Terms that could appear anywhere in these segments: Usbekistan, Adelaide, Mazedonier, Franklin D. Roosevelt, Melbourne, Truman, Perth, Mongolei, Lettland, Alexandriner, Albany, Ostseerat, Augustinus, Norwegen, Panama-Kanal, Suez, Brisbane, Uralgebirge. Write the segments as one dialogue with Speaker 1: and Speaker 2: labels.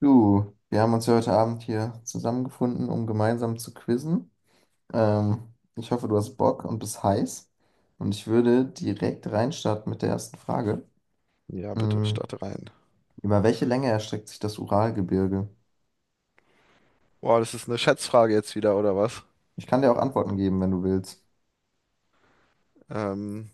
Speaker 1: Du, wir haben uns ja heute Abend hier zusammengefunden, um gemeinsam zu quizzen. Ich hoffe, du hast Bock und bist heiß. Und ich würde direkt reinstarten mit der ersten Frage.
Speaker 2: Ja, bitte,
Speaker 1: Mm,
Speaker 2: starte rein.
Speaker 1: Über welche Länge erstreckt sich das Uralgebirge?
Speaker 2: Boah, das ist eine Schätzfrage jetzt wieder, oder was?
Speaker 1: Ich kann dir auch Antworten geben, wenn du willst.
Speaker 2: Ähm,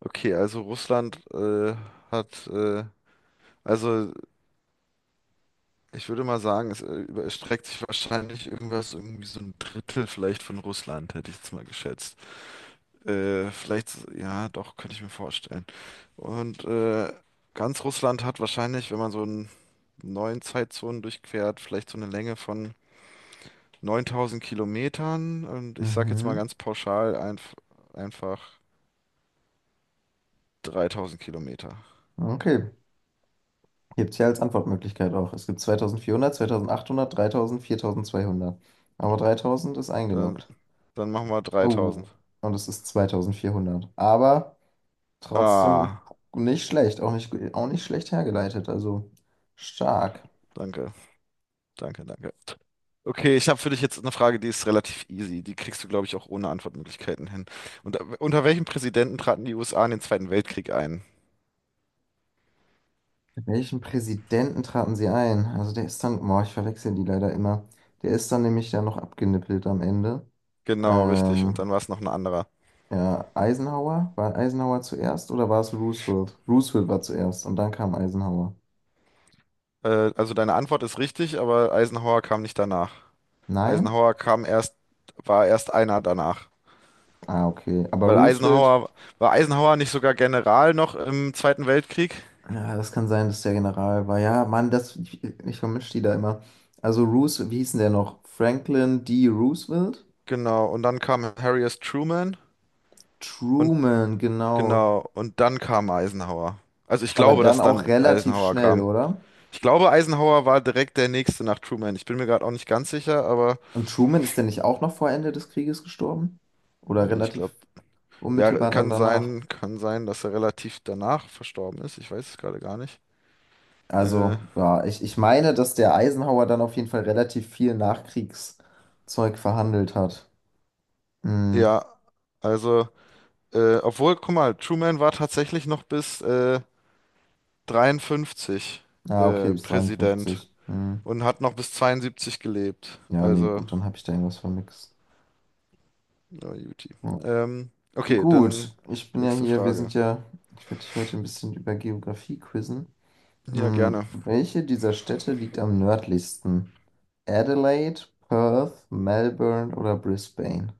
Speaker 2: okay, also Russland hat, also ich würde mal sagen, es überstreckt sich wahrscheinlich irgendwas, irgendwie so ein Drittel vielleicht von Russland, hätte ich jetzt mal geschätzt. Vielleicht, ja, doch, könnte ich mir vorstellen. Und ganz Russland hat wahrscheinlich, wenn man so einen neuen Zeitzonen durchquert, vielleicht so eine Länge von 9000 Kilometern. Und ich sage jetzt mal
Speaker 1: Mhm.
Speaker 2: ganz pauschal einfach. 3000 Kilometer.
Speaker 1: Okay. Gibt es hier als Antwortmöglichkeit auch. Es gibt 2400, 2800, 3000, 4200. Aber 3000 ist
Speaker 2: Dann,
Speaker 1: eingeloggt.
Speaker 2: dann machen wir 3000.
Speaker 1: Oh, und es ist 2400. Aber. Trotzdem
Speaker 2: Ah,
Speaker 1: nicht schlecht, auch nicht schlecht hergeleitet, also stark.
Speaker 2: danke, danke, danke. Okay, ich habe für dich jetzt eine Frage, die ist relativ easy. Die kriegst du, glaube ich, auch ohne Antwortmöglichkeiten hin. Und unter welchem Präsidenten traten die USA in den Zweiten Weltkrieg ein?
Speaker 1: Welchen Präsidenten traten sie ein? Also der ist dann, boah, ich verwechsel die leider immer. Der ist dann nämlich dann noch abgenippelt am Ende.
Speaker 2: Genau, richtig. Und
Speaker 1: Ähm,
Speaker 2: dann war es noch ein anderer.
Speaker 1: ja, Eisenhower? War Eisenhower zuerst oder war es Roosevelt? Roosevelt war zuerst und dann kam Eisenhower.
Speaker 2: Also deine Antwort ist richtig, aber Eisenhower kam nicht danach.
Speaker 1: Nein?
Speaker 2: Eisenhower kam erst, war erst einer danach.
Speaker 1: Ah, okay. Aber
Speaker 2: Weil
Speaker 1: Roosevelt,
Speaker 2: Eisenhower, War Eisenhower nicht sogar General noch im Zweiten Weltkrieg?
Speaker 1: ja, das kann sein, dass der General war. Ja, Mann, das, ich vermische die da immer. Also Roosevelt, wie hieß denn der noch? Franklin D. Roosevelt?
Speaker 2: Genau, und dann kam Harry S. Truman. Und
Speaker 1: Truman, genau.
Speaker 2: genau, und dann kam Eisenhower. Also ich
Speaker 1: Aber
Speaker 2: glaube,
Speaker 1: dann
Speaker 2: dass
Speaker 1: auch
Speaker 2: dann
Speaker 1: relativ
Speaker 2: Eisenhower
Speaker 1: schnell,
Speaker 2: kam.
Speaker 1: oder?
Speaker 2: Ich glaube, Eisenhower war direkt der nächste nach Truman. Ich bin mir gerade auch nicht ganz sicher, aber
Speaker 1: Und Truman ist denn nicht auch noch vor Ende des Krieges gestorben? Oder
Speaker 2: nee, ich
Speaker 1: relativ
Speaker 2: glaube, ja,
Speaker 1: unmittelbar dann danach?
Speaker 2: kann sein, dass er relativ danach verstorben ist. Ich weiß es gerade gar nicht. Äh,
Speaker 1: Also, ja, ich meine, dass der Eisenhower dann auf jeden Fall relativ viel Nachkriegszeug verhandelt hat. Hm.
Speaker 2: ja, also, obwohl, guck mal, Truman war tatsächlich noch bis 53
Speaker 1: Ah, okay, bis
Speaker 2: Präsident
Speaker 1: 53. Hm.
Speaker 2: und hat noch bis 72 gelebt.
Speaker 1: Ja, nee,
Speaker 2: Also,
Speaker 1: gut, dann habe ich da irgendwas vermixt.
Speaker 2: na, Juti.
Speaker 1: Ja.
Speaker 2: Ähm, okay, dann
Speaker 1: Gut, ich bin ja
Speaker 2: nächste
Speaker 1: hier,
Speaker 2: Frage.
Speaker 1: ich werde dich heute ein bisschen über Geografie quizzen.
Speaker 2: Ja,
Speaker 1: Hm,
Speaker 2: gerne.
Speaker 1: welche dieser Städte liegt am nördlichsten? Adelaide, Perth, Melbourne oder Brisbane?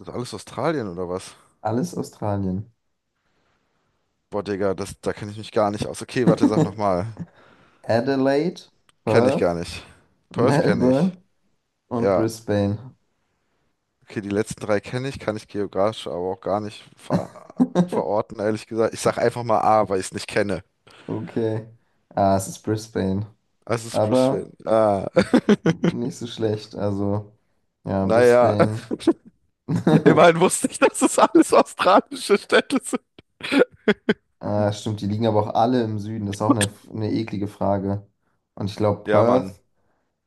Speaker 2: Das ist alles Australien oder was?
Speaker 1: Alles Australien.
Speaker 2: Boah, Digga, da kenne ich mich gar nicht aus. Okay, warte, sag nochmal.
Speaker 1: Adelaide,
Speaker 2: Kenne ich gar
Speaker 1: Perth,
Speaker 2: nicht. Perth kenne ich.
Speaker 1: Melbourne und
Speaker 2: Ja.
Speaker 1: Brisbane.
Speaker 2: Okay, die letzten drei kenne ich, kann ich geografisch aber auch gar nicht verorten, ehrlich gesagt. Ich sag einfach mal A, weil ich es nicht kenne.
Speaker 1: Okay. Ah, es ist Brisbane.
Speaker 2: Also es ist Brisbane.
Speaker 1: Aber
Speaker 2: Ah,
Speaker 1: nicht so schlecht. Also, ja,
Speaker 2: naja,
Speaker 1: Brisbane.
Speaker 2: immerhin wusste ich, dass es alles australische Städte sind.
Speaker 1: Ah, stimmt, die liegen aber auch alle im Süden. Das ist auch eine eklige Frage. Und ich glaube,
Speaker 2: Ja, Mann.
Speaker 1: Perth.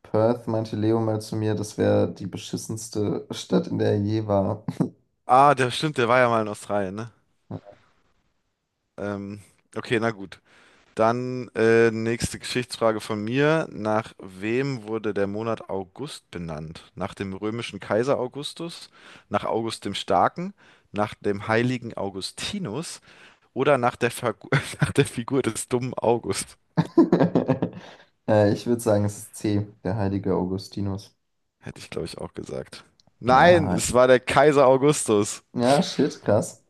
Speaker 1: Perth meinte Leo mal zu mir, das wäre die beschissenste Stadt, in der er je war.
Speaker 2: Ah, der stimmt, der war ja mal in Australien, ne? Ähm, okay, na gut. Dann nächste Geschichtsfrage von mir. Nach wem wurde der Monat August benannt? Nach dem römischen Kaiser Augustus, nach August dem Starken, nach dem heiligen Augustinus oder nach nach der Figur des dummen August?
Speaker 1: Ich würde sagen, es ist C, der heilige Augustinus.
Speaker 2: Hätte ich, glaube ich, auch gesagt. Nein,
Speaker 1: Ja,
Speaker 2: es war der Kaiser Augustus.
Speaker 1: ja, shit, krass.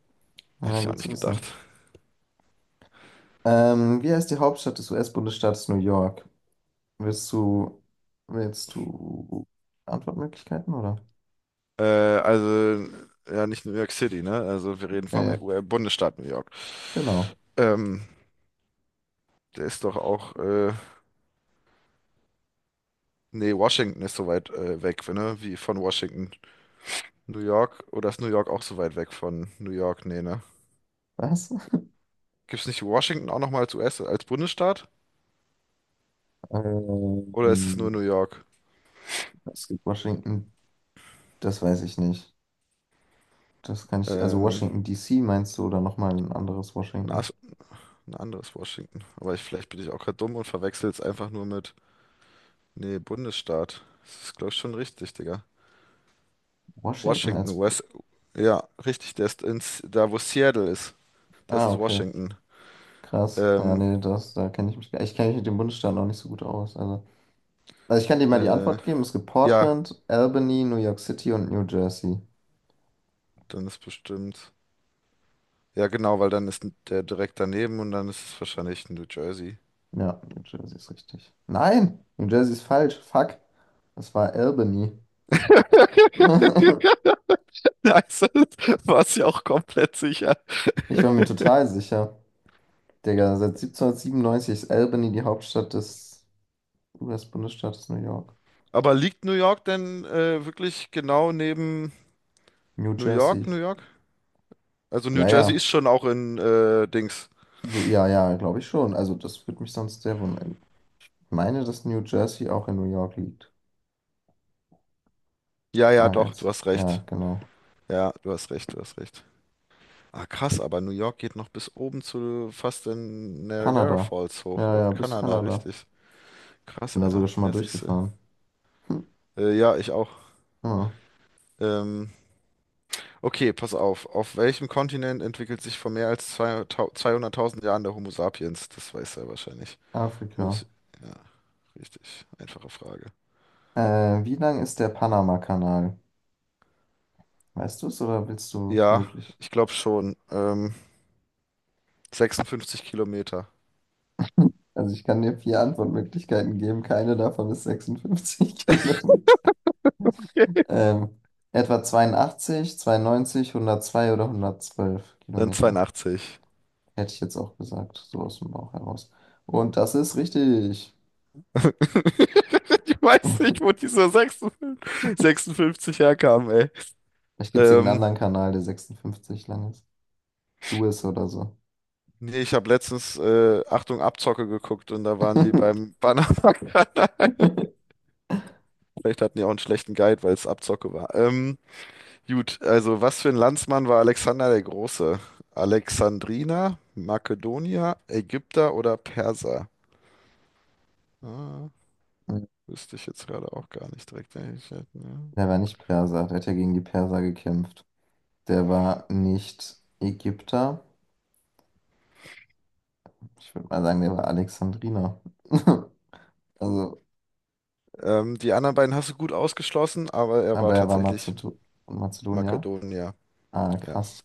Speaker 2: Hätte
Speaker 1: Ja,
Speaker 2: ich auch
Speaker 1: gut
Speaker 2: nicht
Speaker 1: zu
Speaker 2: gedacht.
Speaker 1: wissen. Wie heißt die Hauptstadt des US-Bundesstaates New York? Willst du, willst du Antwortmöglichkeiten, oder?
Speaker 2: Also, ja, nicht New York City, ne? Also, wir reden vom
Speaker 1: Äh,
Speaker 2: Bundesstaat New York.
Speaker 1: genau.
Speaker 2: Ähm, Der ist doch auch. Nee, Washington ist so weit weg, ne? Wie von Washington. New York, oder ist New York auch so weit weg von New York? Nee, ne?
Speaker 1: Was?
Speaker 2: Gibt's nicht Washington auch nochmal als US, als Bundesstaat? Oder ist es nur New
Speaker 1: Ähm,
Speaker 2: York?
Speaker 1: es gibt Washington, das weiß ich nicht. Das kann ich, also
Speaker 2: Ähm,
Speaker 1: Washington DC meinst du oder nochmal ein anderes
Speaker 2: ein,
Speaker 1: Washington?
Speaker 2: as- ein anderes Washington. Aber vielleicht bin ich auch gerade dumm und verwechsel es einfach nur mit. Nee, Bundesstaat. Das ist, glaube ich, schon richtig, Digga.
Speaker 1: Washington
Speaker 2: Washington,
Speaker 1: als, Bu-
Speaker 2: US. Ja, richtig, der ist da, wo Seattle ist. Das
Speaker 1: ah,
Speaker 2: ist
Speaker 1: okay,
Speaker 2: Washington.
Speaker 1: krass. Ja,
Speaker 2: Ähm,
Speaker 1: nee, das, da kenne ich mich, ich kenne mich mit dem Bundesstaat noch nicht so gut aus. Also, ich kann dir mal die
Speaker 2: äh,
Speaker 1: Antwort geben. Es gibt
Speaker 2: ja,
Speaker 1: Portland, Albany, New York City und New Jersey.
Speaker 2: dann ist bestimmt. Ja, genau, weil dann ist der direkt daneben und dann ist es wahrscheinlich New Jersey.
Speaker 1: Ja, New Jersey ist richtig. Nein, New Jersey ist falsch. Fuck. Das war Albany.
Speaker 2: Nice, war es ja auch komplett sicher.
Speaker 1: Ich war mir total sicher. Digga, seit 1797 ist Albany die Hauptstadt des US-Bundesstaates New York.
Speaker 2: Aber liegt New York denn wirklich genau neben
Speaker 1: New
Speaker 2: New York,
Speaker 1: Jersey.
Speaker 2: New York? Also New
Speaker 1: Ja,
Speaker 2: Jersey
Speaker 1: ja.
Speaker 2: ist schon auch in Dings.
Speaker 1: So, ja, ja, glaube ich schon. Also das würde mich sonst sehr wundern. Ich meine, dass New Jersey auch in New York liegt.
Speaker 2: Ja, ja,
Speaker 1: Ah,
Speaker 2: doch, du
Speaker 1: jetzt.
Speaker 2: hast
Speaker 1: Ja,
Speaker 2: recht.
Speaker 1: genau.
Speaker 2: Ja, du hast recht, du hast recht. Ah, krass, aber New York geht noch bis oben zu fast in Niagara
Speaker 1: Kanada.
Speaker 2: Falls hoch
Speaker 1: Ja, ja,
Speaker 2: und
Speaker 1: bis
Speaker 2: Kanada,
Speaker 1: Kanada.
Speaker 2: richtig. Krass,
Speaker 1: Bin da
Speaker 2: Alter.
Speaker 1: sogar schon mal
Speaker 2: Ja, siehst du.
Speaker 1: durchgefahren. Hm.
Speaker 2: Ja, ich auch.
Speaker 1: Ah,
Speaker 2: Ähm, Okay, pass auf. Auf welchem Kontinent entwickelt sich vor mehr als 200.000 Jahren der Homo sapiens? Das weiß er wahrscheinlich.
Speaker 1: Afrika.
Speaker 2: Muss. Ja, richtig. Einfache Frage.
Speaker 1: Wie lang ist der Panama-Kanal? Weißt du es oder willst du
Speaker 2: Ja,
Speaker 1: möglich?
Speaker 2: ich glaube schon. 56 Kilometer.
Speaker 1: Also ich kann dir vier Antwortmöglichkeiten geben. Keine davon ist 56 Kilometer. Ähm, etwa 82, 92, 102 oder 112
Speaker 2: Dann
Speaker 1: Kilometer.
Speaker 2: 82.
Speaker 1: Hätte ich jetzt auch gesagt, so aus dem Bauch heraus. Und das ist richtig.
Speaker 2: Ich weiß nicht, wo diese 56 herkamen, ey.
Speaker 1: Vielleicht gibt es irgendeinen
Speaker 2: Ähm,
Speaker 1: anderen Kanal, der 56 lang ist. Suez oder so.
Speaker 2: Nee, ich habe letztens, Achtung, Abzocke geguckt und da waren die beim Panama-Kanal. Vielleicht hatten die auch einen schlechten Guide, weil es Abzocke war. Gut, also was für ein Landsmann war Alexander der Große? Alexandriner, Makedonier, Ägypter oder Perser? Ah, wüsste ich jetzt gerade auch gar nicht direkt. Wenn ich hätte, ne?
Speaker 1: Der war nicht Perser, der hat ja gegen die Perser gekämpft. Der war nicht Ägypter. Ich würde mal sagen, der war Alexandriner. Also,
Speaker 2: Die anderen beiden hast du gut ausgeschlossen, aber er war
Speaker 1: aber er war
Speaker 2: tatsächlich
Speaker 1: Mazedonier.
Speaker 2: Makedonier.
Speaker 1: Ah,
Speaker 2: Ja.
Speaker 1: krass.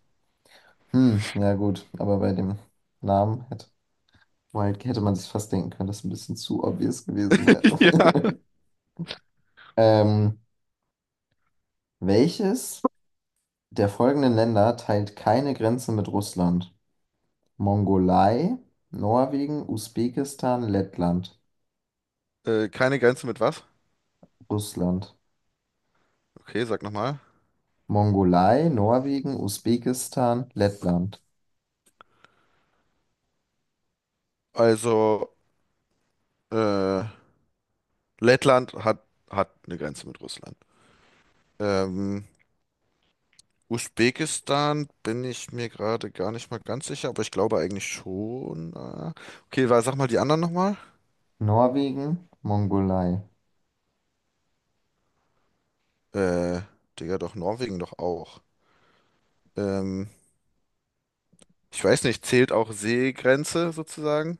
Speaker 1: Hm, ja gut, aber bei dem Namen hätte, Wild hätte man sich fast denken können, dass es ein bisschen zu obvious gewesen wäre.
Speaker 2: Ja.
Speaker 1: Ähm, welches? Der folgenden Länder teilt keine Grenze mit Russland. Mongolei, Norwegen, Usbekistan, Lettland.
Speaker 2: Keine Grenze mit was?
Speaker 1: Russland.
Speaker 2: Okay, sag nochmal.
Speaker 1: Mongolei, Norwegen, Usbekistan, Lettland.
Speaker 2: Also, äh, Lettland hat eine Grenze mit Russland. Ähm, Usbekistan bin ich mir gerade gar nicht mal ganz sicher, aber ich glaube eigentlich schon. Okay, sag mal die anderen nochmal.
Speaker 1: Norwegen, Mongolei.
Speaker 2: Äh, Digga, doch, Norwegen doch auch. Ähm, Ich weiß nicht, zählt auch Seegrenze sozusagen?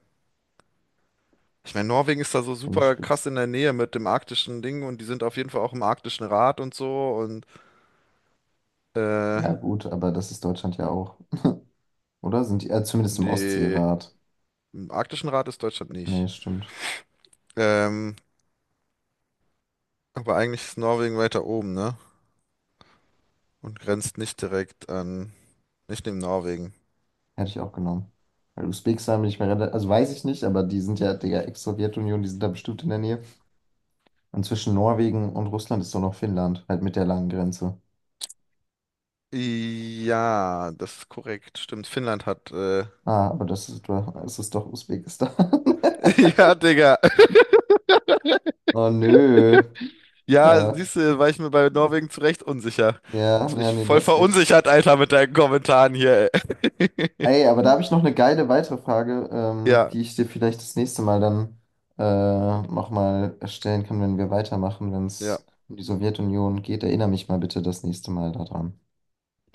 Speaker 2: Ich meine, Norwegen ist da so
Speaker 1: Finde ich
Speaker 2: super krass
Speaker 1: spitz.
Speaker 2: in der Nähe mit dem arktischen Ding und die sind auf jeden Fall auch im arktischen Rat und so und äh,
Speaker 1: Ja, gut, aber das ist Deutschland ja auch. Oder? Sind die, zumindest im
Speaker 2: nee,
Speaker 1: Ostseerat.
Speaker 2: im arktischen Rat ist Deutschland
Speaker 1: Nee,
Speaker 2: nicht.
Speaker 1: stimmt.
Speaker 2: Ähm, aber eigentlich ist Norwegen weiter oben, ne? Und grenzt nicht direkt an, nicht neben Norwegen.
Speaker 1: Hätte ich auch genommen. Weil Usbekistan bin ich mir relativ, also weiß ich nicht, aber die sind ja, Digga, Ex-Sowjetunion, die sind da bestimmt in der Nähe. Und zwischen Norwegen und Russland ist doch noch Finnland, halt mit der langen Grenze.
Speaker 2: Ja, das ist korrekt. Stimmt, Finnland hat.
Speaker 1: Ah, aber es ist doch Usbekistan.
Speaker 2: Ja, Digga.
Speaker 1: Oh nö.
Speaker 2: Ja,
Speaker 1: Ja,
Speaker 2: siehst du, war ich mir bei Norwegen zu Recht unsicher.
Speaker 1: ja,
Speaker 2: Hast
Speaker 1: ja,
Speaker 2: mich
Speaker 1: nee, du
Speaker 2: voll
Speaker 1: hast recht.
Speaker 2: verunsichert, Alter, mit deinen Kommentaren hier, ey.
Speaker 1: Ey, aber da habe ich noch eine geile weitere Frage,
Speaker 2: Ja,
Speaker 1: die ich dir vielleicht das nächste Mal dann nochmal stellen kann, wenn wir weitermachen, wenn es
Speaker 2: ja.
Speaker 1: um die Sowjetunion geht. Erinnere mich mal bitte das nächste Mal daran.